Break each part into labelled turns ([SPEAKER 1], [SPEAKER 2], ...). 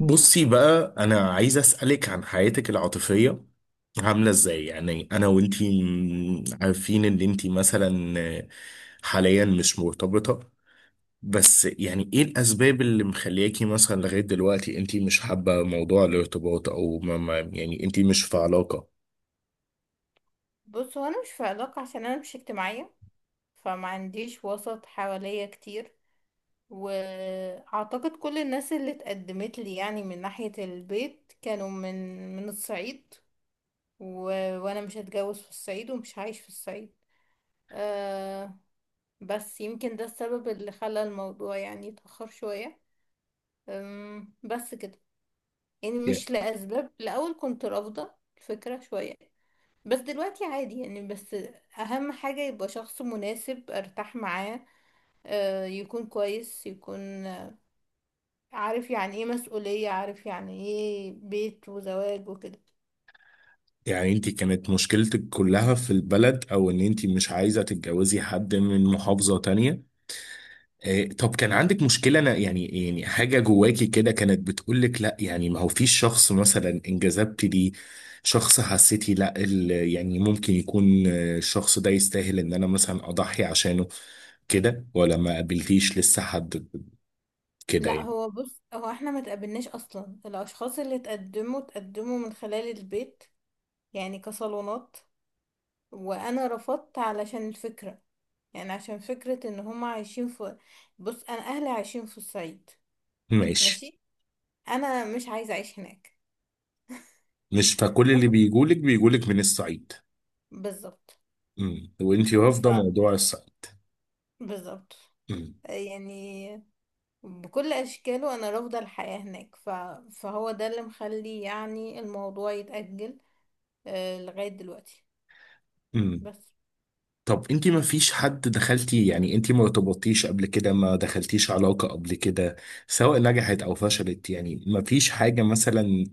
[SPEAKER 1] بصي بقى، انا عايز اسالك عن حياتك العاطفيه، عامله ازاي؟ يعني انا وانتي عارفين ان انتي مثلا حاليا مش مرتبطه. بس يعني ايه الاسباب اللي مخلياكي مثلا لغايه دلوقتي انتي مش حابه موضوع الارتباط، او ما يعني انتي مش في علاقه؟
[SPEAKER 2] بص، هو انا مش في علاقة عشان انا مش اجتماعية. فما عنديش وسط حواليا كتير. واعتقد كل الناس اللي اتقدمت لي يعني من ناحية البيت كانوا من الصعيد. و... وانا مش هتجوز في الصعيد ومش هعيش في الصعيد. أه. بس يمكن ده السبب اللي خلى الموضوع يعني يتأخر شوية. بس كده. يعني
[SPEAKER 1] ي-
[SPEAKER 2] مش لأسباب، الأول كنت رافضة الفكرة شوية، بس دلوقتي عادي يعني. بس اهم حاجة يبقى شخص مناسب ارتاح معاه، يكون كويس، يكون عارف يعني ايه مسؤولية، عارف يعني ايه بيت وزواج وكده.
[SPEAKER 1] يعني انتي كانت مشكلتك كلها في البلد، او ان انتي مش عايزه تتجوزي حد من محافظه تانية؟ إيه، طب كان عندك مشكلة أنا يعني، يعني حاجة جواكي كده كانت بتقولك لا؟ يعني ما هو فيش شخص مثلا انجذبت ليه، شخص حسيتي لا ال- يعني ممكن يكون، الشخص ده يستاهل إن أنا مثلا أضحي عشانه كده، ولا ما قابلتيش لسه حد كده
[SPEAKER 2] لا،
[SPEAKER 1] يعني؟
[SPEAKER 2] هو بص، هو احنا ما تقابلناش اصلا. الاشخاص اللي تقدموا من خلال البيت، يعني كصالونات. وانا رفضت علشان الفكرة، يعني عشان فكرة ان هم عايشين في. بص، انا اهلي عايشين في الصعيد.
[SPEAKER 1] ماشي.
[SPEAKER 2] ماشي. انا مش عايزة اعيش هناك.
[SPEAKER 1] مش فكل اللي بيجولك بيجولك من الصعيد؟
[SPEAKER 2] بالظبط.
[SPEAKER 1] امم. وانتي رافضة موضوع الصعيد.
[SPEAKER 2] بالظبط.
[SPEAKER 1] امم.
[SPEAKER 2] يعني بكل أشكاله أنا رافضة الحياة هناك. فهو ده اللي مخلي يعني الموضوع يتأجل لغاية دلوقتي.
[SPEAKER 1] امم.
[SPEAKER 2] بس.
[SPEAKER 1] طب انت ما فيش حد دخلتي، يعني انت ما ارتبطتيش قبل كده؟ ما دخلتيش علاقة قبل كده، سواء نجحت او فشلت؟ يعني ما فيش حاجة مثلا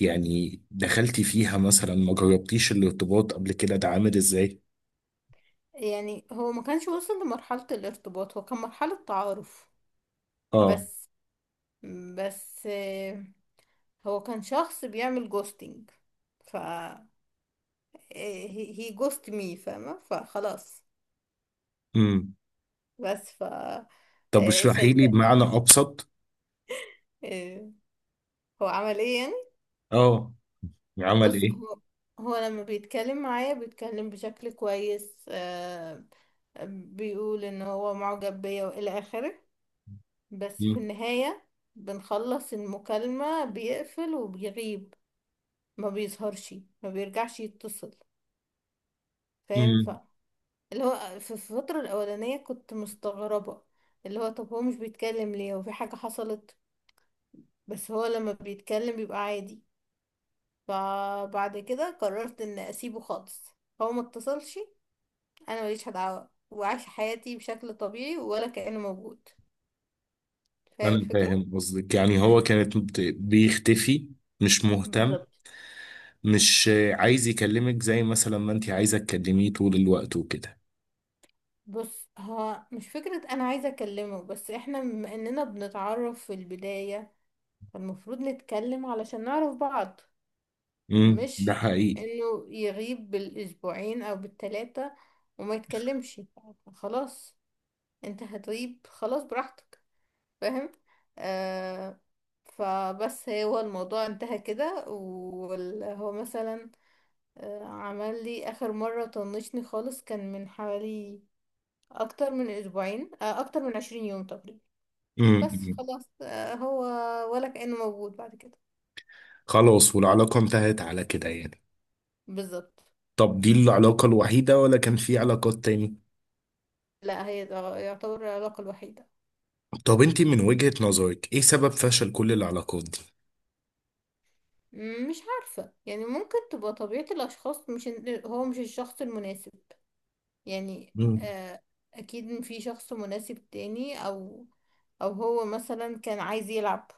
[SPEAKER 1] يعني دخلتي فيها مثلا؟ ما جربتيش الارتباط قبل كده؟ ده عامل ازاي؟
[SPEAKER 2] يعني هو ما كانش وصل لمرحلة الارتباط، هو كان مرحلة تعارف.
[SPEAKER 1] اه.
[SPEAKER 2] بس بس. هو كان شخص بيعمل جوستنج. ف هي جوست مي، فاهمة؟ فخلاص.
[SPEAKER 1] امم.
[SPEAKER 2] بس.
[SPEAKER 1] طب اشرحي لي
[SPEAKER 2] سايباه.
[SPEAKER 1] بمعنى ابسط.
[SPEAKER 2] آه، هو عمل ايه يعني؟
[SPEAKER 1] اه، عمل
[SPEAKER 2] بص،
[SPEAKER 1] ايه؟
[SPEAKER 2] هو لما بيتكلم معايا بيتكلم بشكل كويس، بيقول ان هو معجب بيا والى اخره. بس في
[SPEAKER 1] امم.
[SPEAKER 2] النهاية بنخلص المكالمة بيقفل وبيغيب. ما بيظهرش، ما بيرجعش يتصل. فاهم؟
[SPEAKER 1] امم.
[SPEAKER 2] اللي هو في الفترة الأولانية كنت مستغربة، اللي هو طب هو مش بيتكلم ليه؟ وفي حاجة حصلت؟ بس هو لما بيتكلم بيبقى عادي. فبعد كده قررت ان اسيبه خالص. هو ما اتصلش، انا ماليش دعوه وعايشه حياتي بشكل طبيعي ولا كأنه موجود. فاهم
[SPEAKER 1] انا
[SPEAKER 2] الفكره؟
[SPEAKER 1] فاهم قصدك، يعني هو كانت بيختفي، مش مهتم،
[SPEAKER 2] بالظبط.
[SPEAKER 1] مش عايز يكلمك زي مثلا ما انت عايزة تكلميه طول الوقت وكده.
[SPEAKER 2] بص، هو مش فكرة أنا عايزة أكلمه، بس إحنا بما إننا بنتعرف في البداية فالمفروض نتكلم علشان نعرف بعض.
[SPEAKER 1] امم، ده
[SPEAKER 2] مش
[SPEAKER 1] حقيقي.
[SPEAKER 2] إنه يغيب بالأسبوعين أو بالتلاتة وما يتكلمش. خلاص، أنت هتغيب خلاص براحتك. فاهم؟ آه فبس هو الموضوع انتهى كده، وهو مثلا عمل لي اخر مرة طنشني خالص، كان من حوالي اكتر من اسبوعين، اكتر من عشرين يوم تقريبا. بس
[SPEAKER 1] امم.
[SPEAKER 2] خلاص. هو ولا كأنه موجود بعد كده.
[SPEAKER 1] خلاص، والعلاقة انتهت على كده يعني؟
[SPEAKER 2] بالظبط.
[SPEAKER 1] طب دي العلاقة الوحيدة، ولا كان في علاقات تاني؟
[SPEAKER 2] لا، هي ده يعتبر العلاقة الوحيدة.
[SPEAKER 1] طب انت من وجهة نظرك، ايه سبب فشل كل العلاقات دي؟
[SPEAKER 2] مش عارفة، يعني ممكن تبقى طبيعة الاشخاص، مش هو مش الشخص المناسب. يعني
[SPEAKER 1] امم.
[SPEAKER 2] اكيد في شخص مناسب تاني، او هو مثلا كان عايز يلعب.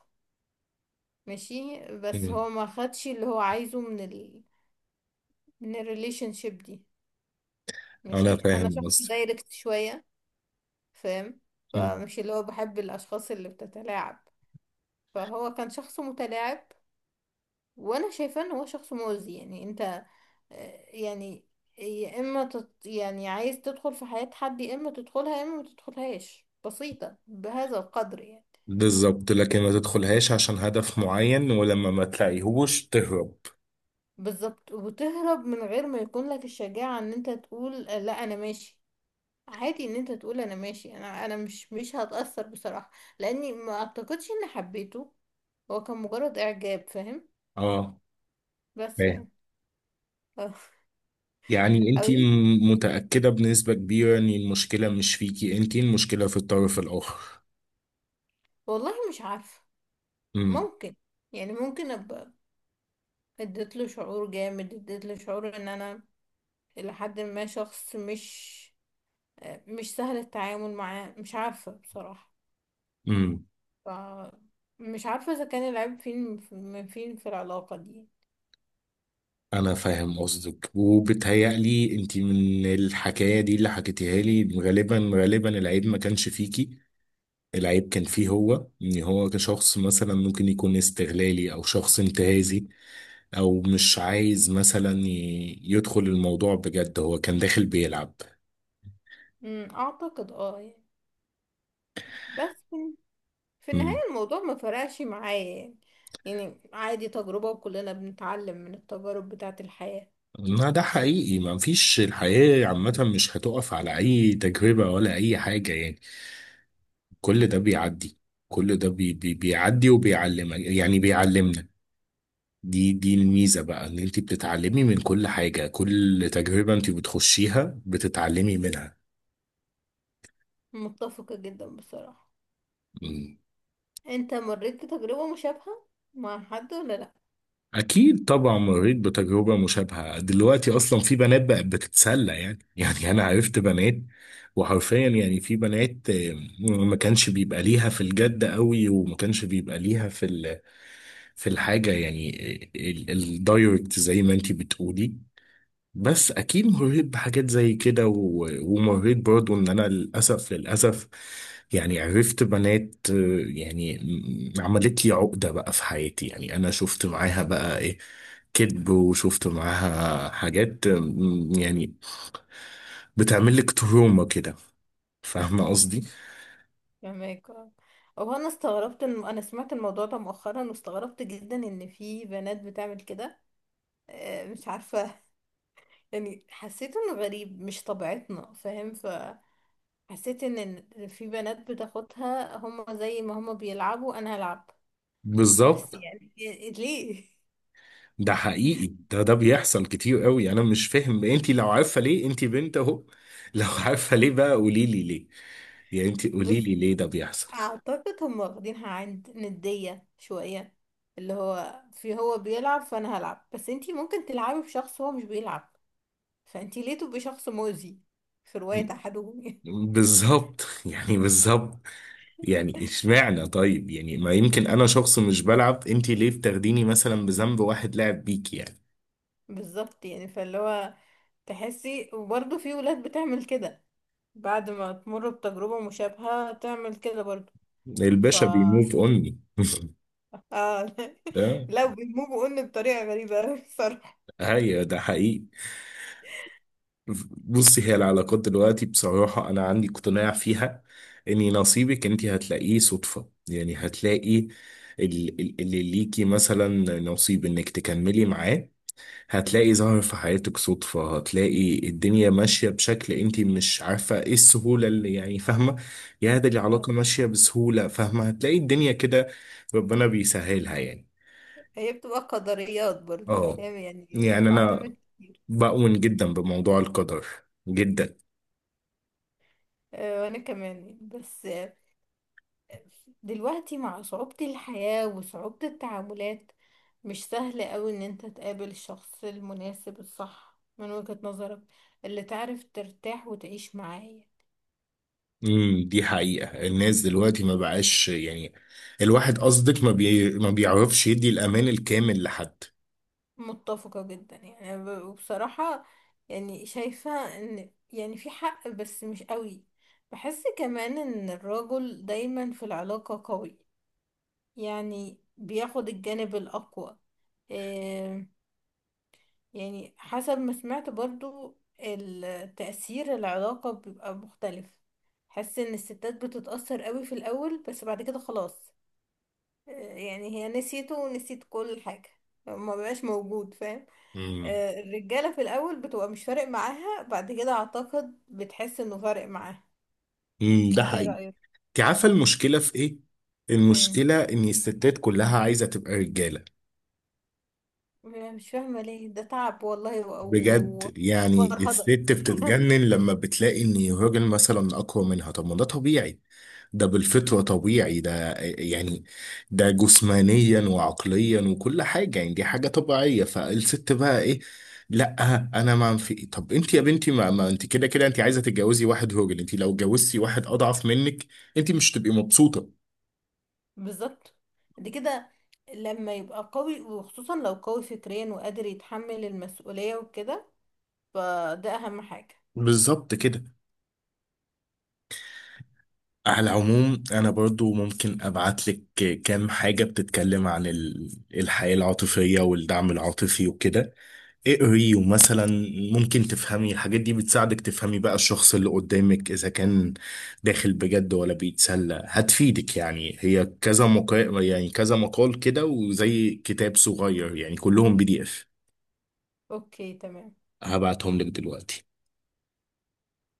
[SPEAKER 2] ماشي، بس
[SPEAKER 1] امم.
[SPEAKER 2] هو ما خدش اللي هو عايزه من الريليشن شيب دي.
[SPEAKER 1] انا
[SPEAKER 2] ماشي. انا
[SPEAKER 1] فاهم
[SPEAKER 2] شخص
[SPEAKER 1] قصدك.
[SPEAKER 2] دايركت شوية، فاهم؟
[SPEAKER 1] مم.
[SPEAKER 2] فمش اللي هو بحب الاشخاص اللي بتتلاعب. فهو كان شخص متلاعب. وانا شايفاه ان هو شخص مؤذي. يعني انت، يعني يا اما يعني عايز تدخل في حياة حد، يا اما تدخلها يا اما ما تدخلهاش. بسيطة بهذا القدر يعني.
[SPEAKER 1] بالظبط، لكن ما تدخلهاش عشان هدف معين، ولما ما تلاقيهوش تهرب.
[SPEAKER 2] بالظبط. وتهرب من غير ما يكون لك الشجاعة ان انت تقول لا، انا ماشي. عادي ان انت تقول انا ماشي، انا مش هتأثر بصراحة. لاني ما اعتقدش اني حبيته، هو كان مجرد اعجاب. فاهم؟
[SPEAKER 1] اه.
[SPEAKER 2] بس
[SPEAKER 1] فاهم.
[SPEAKER 2] يعني. اه.
[SPEAKER 1] يعني انت
[SPEAKER 2] اوي.
[SPEAKER 1] متأكدة بنسبة كبيرة ان المشكلة مش فيكي، انت المشكلة في الطرف الآخر؟
[SPEAKER 2] والله مش عارفة. ممكن. يعني ممكن ابقى اديت له شعور جامد، اديت له شعور ان انا الى حد ما شخص مش سهل التعامل معاه. مش عارفة بصراحة.
[SPEAKER 1] امم.
[SPEAKER 2] ف مش عارفة اذا كان العيب من فين في العلاقة دي.
[SPEAKER 1] انا فاهم قصدك، وبتهيألي انت من الحكايه دي اللي حكيتيها لي، غالبا غالبا العيب ما كانش فيكي، العيب كان فيه هو. ان هو كشخص مثلا ممكن يكون استغلالي، او شخص انتهازي، او مش عايز مثلا يدخل الموضوع بجد، هو كان داخل بيلعب.
[SPEAKER 2] اعتقد اه، يعني. بس في النهاية
[SPEAKER 1] مم.
[SPEAKER 2] الموضوع ما فرقش معايا يعني. يعني عادي، تجربة وكلنا بنتعلم من التجارب بتاعة الحياة.
[SPEAKER 1] ما ده حقيقي، ما فيش، الحياه عامه مش هتقف على اي تجربه ولا اي حاجه يعني، كل ده بيعدي، كل ده بي بيعدي وبيعلمك، يعني بيعلمنا. دي الميزة بقى، ان انت بتتعلمي من كل حاجة، كل تجربة انت بتخشيها بتتعلمي منها.
[SPEAKER 2] متفقة جدا بصراحة.
[SPEAKER 1] مم.
[SPEAKER 2] انت مريت بتجربة مشابهة مع حد ولا لأ؟
[SPEAKER 1] اكيد طبعا مريت بتجربة مشابهة، دلوقتي اصلا في بنات بقت بتتسلى يعني يعني انا عرفت بنات وحرفيا، يعني في بنات، ما كانش بيبقى ليها في الجد قوي، وما كانش بيبقى ليها في في الحاجة يعني، الدايركت زي ما انت بتقولي. بس اكيد مريت بحاجات زي كده، ومريت برضو، ان انا للاسف للاسف يعني عرفت بنات، يعني عملت لي عقدة بقى في حياتي، يعني انا شفت معاها بقى ايه؟ كذب، وشفت معاها حاجات، يعني بتعمل لك تروما كده، فاهمة قصدي؟
[SPEAKER 2] فهمك، اه. هو انا استغربت ان انا سمعت الموضوع ده مؤخرا، واستغربت جدا ان في بنات بتعمل كده. مش عارفة، يعني حسيت انه غريب، مش طبيعتنا. فاهم؟ فحسيت إن في بنات بتاخدها، هما زي ما هما بيلعبوا انا هلعب. بس
[SPEAKER 1] بالظبط.
[SPEAKER 2] يعني، ليه؟
[SPEAKER 1] ده حقيقي، ده بيحصل كتير قوي. انا مش فاهم، انتي لو عارفة ليه، انتي بنت اهو لو عارفة ليه بقى قولي لي ليه، يعني انت قولي
[SPEAKER 2] بص،
[SPEAKER 1] لي ليه ده بيحصل.
[SPEAKER 2] اعتقد هم واخدينها عند ندية شوية، اللي هو هو بيلعب فانا هلعب. بس انتي ممكن تلعبي بشخص هو مش بيلعب، فانتي ليه تبقي شخص مؤذي في رواية احدهم، يعني؟
[SPEAKER 1] بالظبط يعني بالظبط، يعني اشمعنى؟ طيب يعني ما يمكن انا شخص مش بلعب، انت ليه بتاخديني مثلا بذنب واحد لعب بيك يعني؟
[SPEAKER 2] بالظبط، يعني فاللي هو تحسي، وبرضه في ولاد بتعمل كده، بعد ما تمر بتجربة مشابهة تعمل كده برضه. ف
[SPEAKER 1] الباشا
[SPEAKER 2] اه
[SPEAKER 1] بيموف اوني ده.
[SPEAKER 2] لا، بيموجوا ان بطريقة غريبة أوي الصراحة.
[SPEAKER 1] هي ده حقيقي. بصي، هي العلاقات دلوقتي بصراحة، انا عندي اقتناع فيها، اني نصيبك انت هتلاقيه صدفة، يعني هتلاقي اللي ليكي مثلا نصيب انك تكملي معاه، هتلاقي ظهر في حياتك صدفة، هتلاقي الدنيا ماشية بشكل انت مش عارفة ايه السهولة اللي، يعني فاهمة؟ يا ده العلاقة ماشية بسهولة، فاهمة؟ هتلاقي الدنيا كده، ربنا بيسهلها يعني.
[SPEAKER 2] هي بتبقى قدريات برضه،
[SPEAKER 1] اه،
[SPEAKER 2] فاهم؟ يعني
[SPEAKER 1] يعني انا
[SPEAKER 2] بتعتمد كتير.
[SPEAKER 1] بؤمن جدا بموضوع القدر، جدا.
[SPEAKER 2] وانا كمان يعني. بس دلوقتي مع صعوبة الحياة وصعوبة التعاملات، مش سهل قوي ان انت تقابل الشخص المناسب الصح من وجهة نظرك، اللي تعرف ترتاح وتعيش معاه.
[SPEAKER 1] امم. دي حقيقة، الناس دلوقتي ما بقاش يعني، الواحد قصدك ما بي، ما بيعرفش يدي الامان الكامل لحد.
[SPEAKER 2] متفقة جدا يعني. أنا وبصراحة يعني شايفة ان يعني في حق، بس مش قوي. بحس كمان ان الرجل دايما في العلاقة قوي، يعني بياخد الجانب الأقوى. آه، يعني حسب ما سمعت برضو التأثير العلاقة بيبقى مختلف. حس ان الستات بتتأثر قوي في الأول، بس بعد كده خلاص. آه، يعني هي نسيته ونسيت كل حاجة. ما بقاش موجود، فاهم؟
[SPEAKER 1] امم.
[SPEAKER 2] الرجالة في الأول بتبقى مش فارق معاها، بعد كده أعتقد بتحس انه فارق معاها.
[SPEAKER 1] امم.
[SPEAKER 2] انت
[SPEAKER 1] ده.
[SPEAKER 2] ايه
[SPEAKER 1] انت
[SPEAKER 2] رأيك؟
[SPEAKER 1] عارفه المشكله في ايه؟
[SPEAKER 2] مم.
[SPEAKER 1] المشكله ان الستات كلها عايزه تبقى رجاله.
[SPEAKER 2] مش فاهمة ليه ده تعب، والله،
[SPEAKER 1] بجد، يعني الست
[SPEAKER 2] وفرهضة.
[SPEAKER 1] بتتجنن لما بتلاقي ان الراجل مثلا اقوى منها، طب ما ده طبيعي، ده بالفطره طبيعي ده يعني، ده جسمانيا وعقليا وكل حاجه يعني، دي حاجه طبيعيه. فالست بقى ايه؟ لا انا ما في إيه؟ طب انت يا بنتي ما انت كده كده انت عايزه تتجوزي واحد راجل، انت لو اتجوزتي واحد اضعف منك انت مش هتبقي مبسوطه.
[SPEAKER 2] بالظبط. دي كده، لما يبقى قوي وخصوصا لو قوي فكريا وقادر يتحمل المسؤولية وكده، فده أهم حاجة.
[SPEAKER 1] بالظبط كده. على العموم، انا برضو ممكن ابعت لك كام حاجة بتتكلم عن الحياة العاطفية والدعم العاطفي وكده، اقري، ومثلا ممكن تفهمي الحاجات دي، بتساعدك تفهمي بقى الشخص اللي قدامك اذا كان داخل بجد ولا بيتسلى. هتفيدك، يعني هي كذا مقال، يعني كذا مقال كده، وزي كتاب صغير يعني، كلهم PDF،
[SPEAKER 2] اوكي، تمام.
[SPEAKER 1] هبعتهم لك دلوقتي.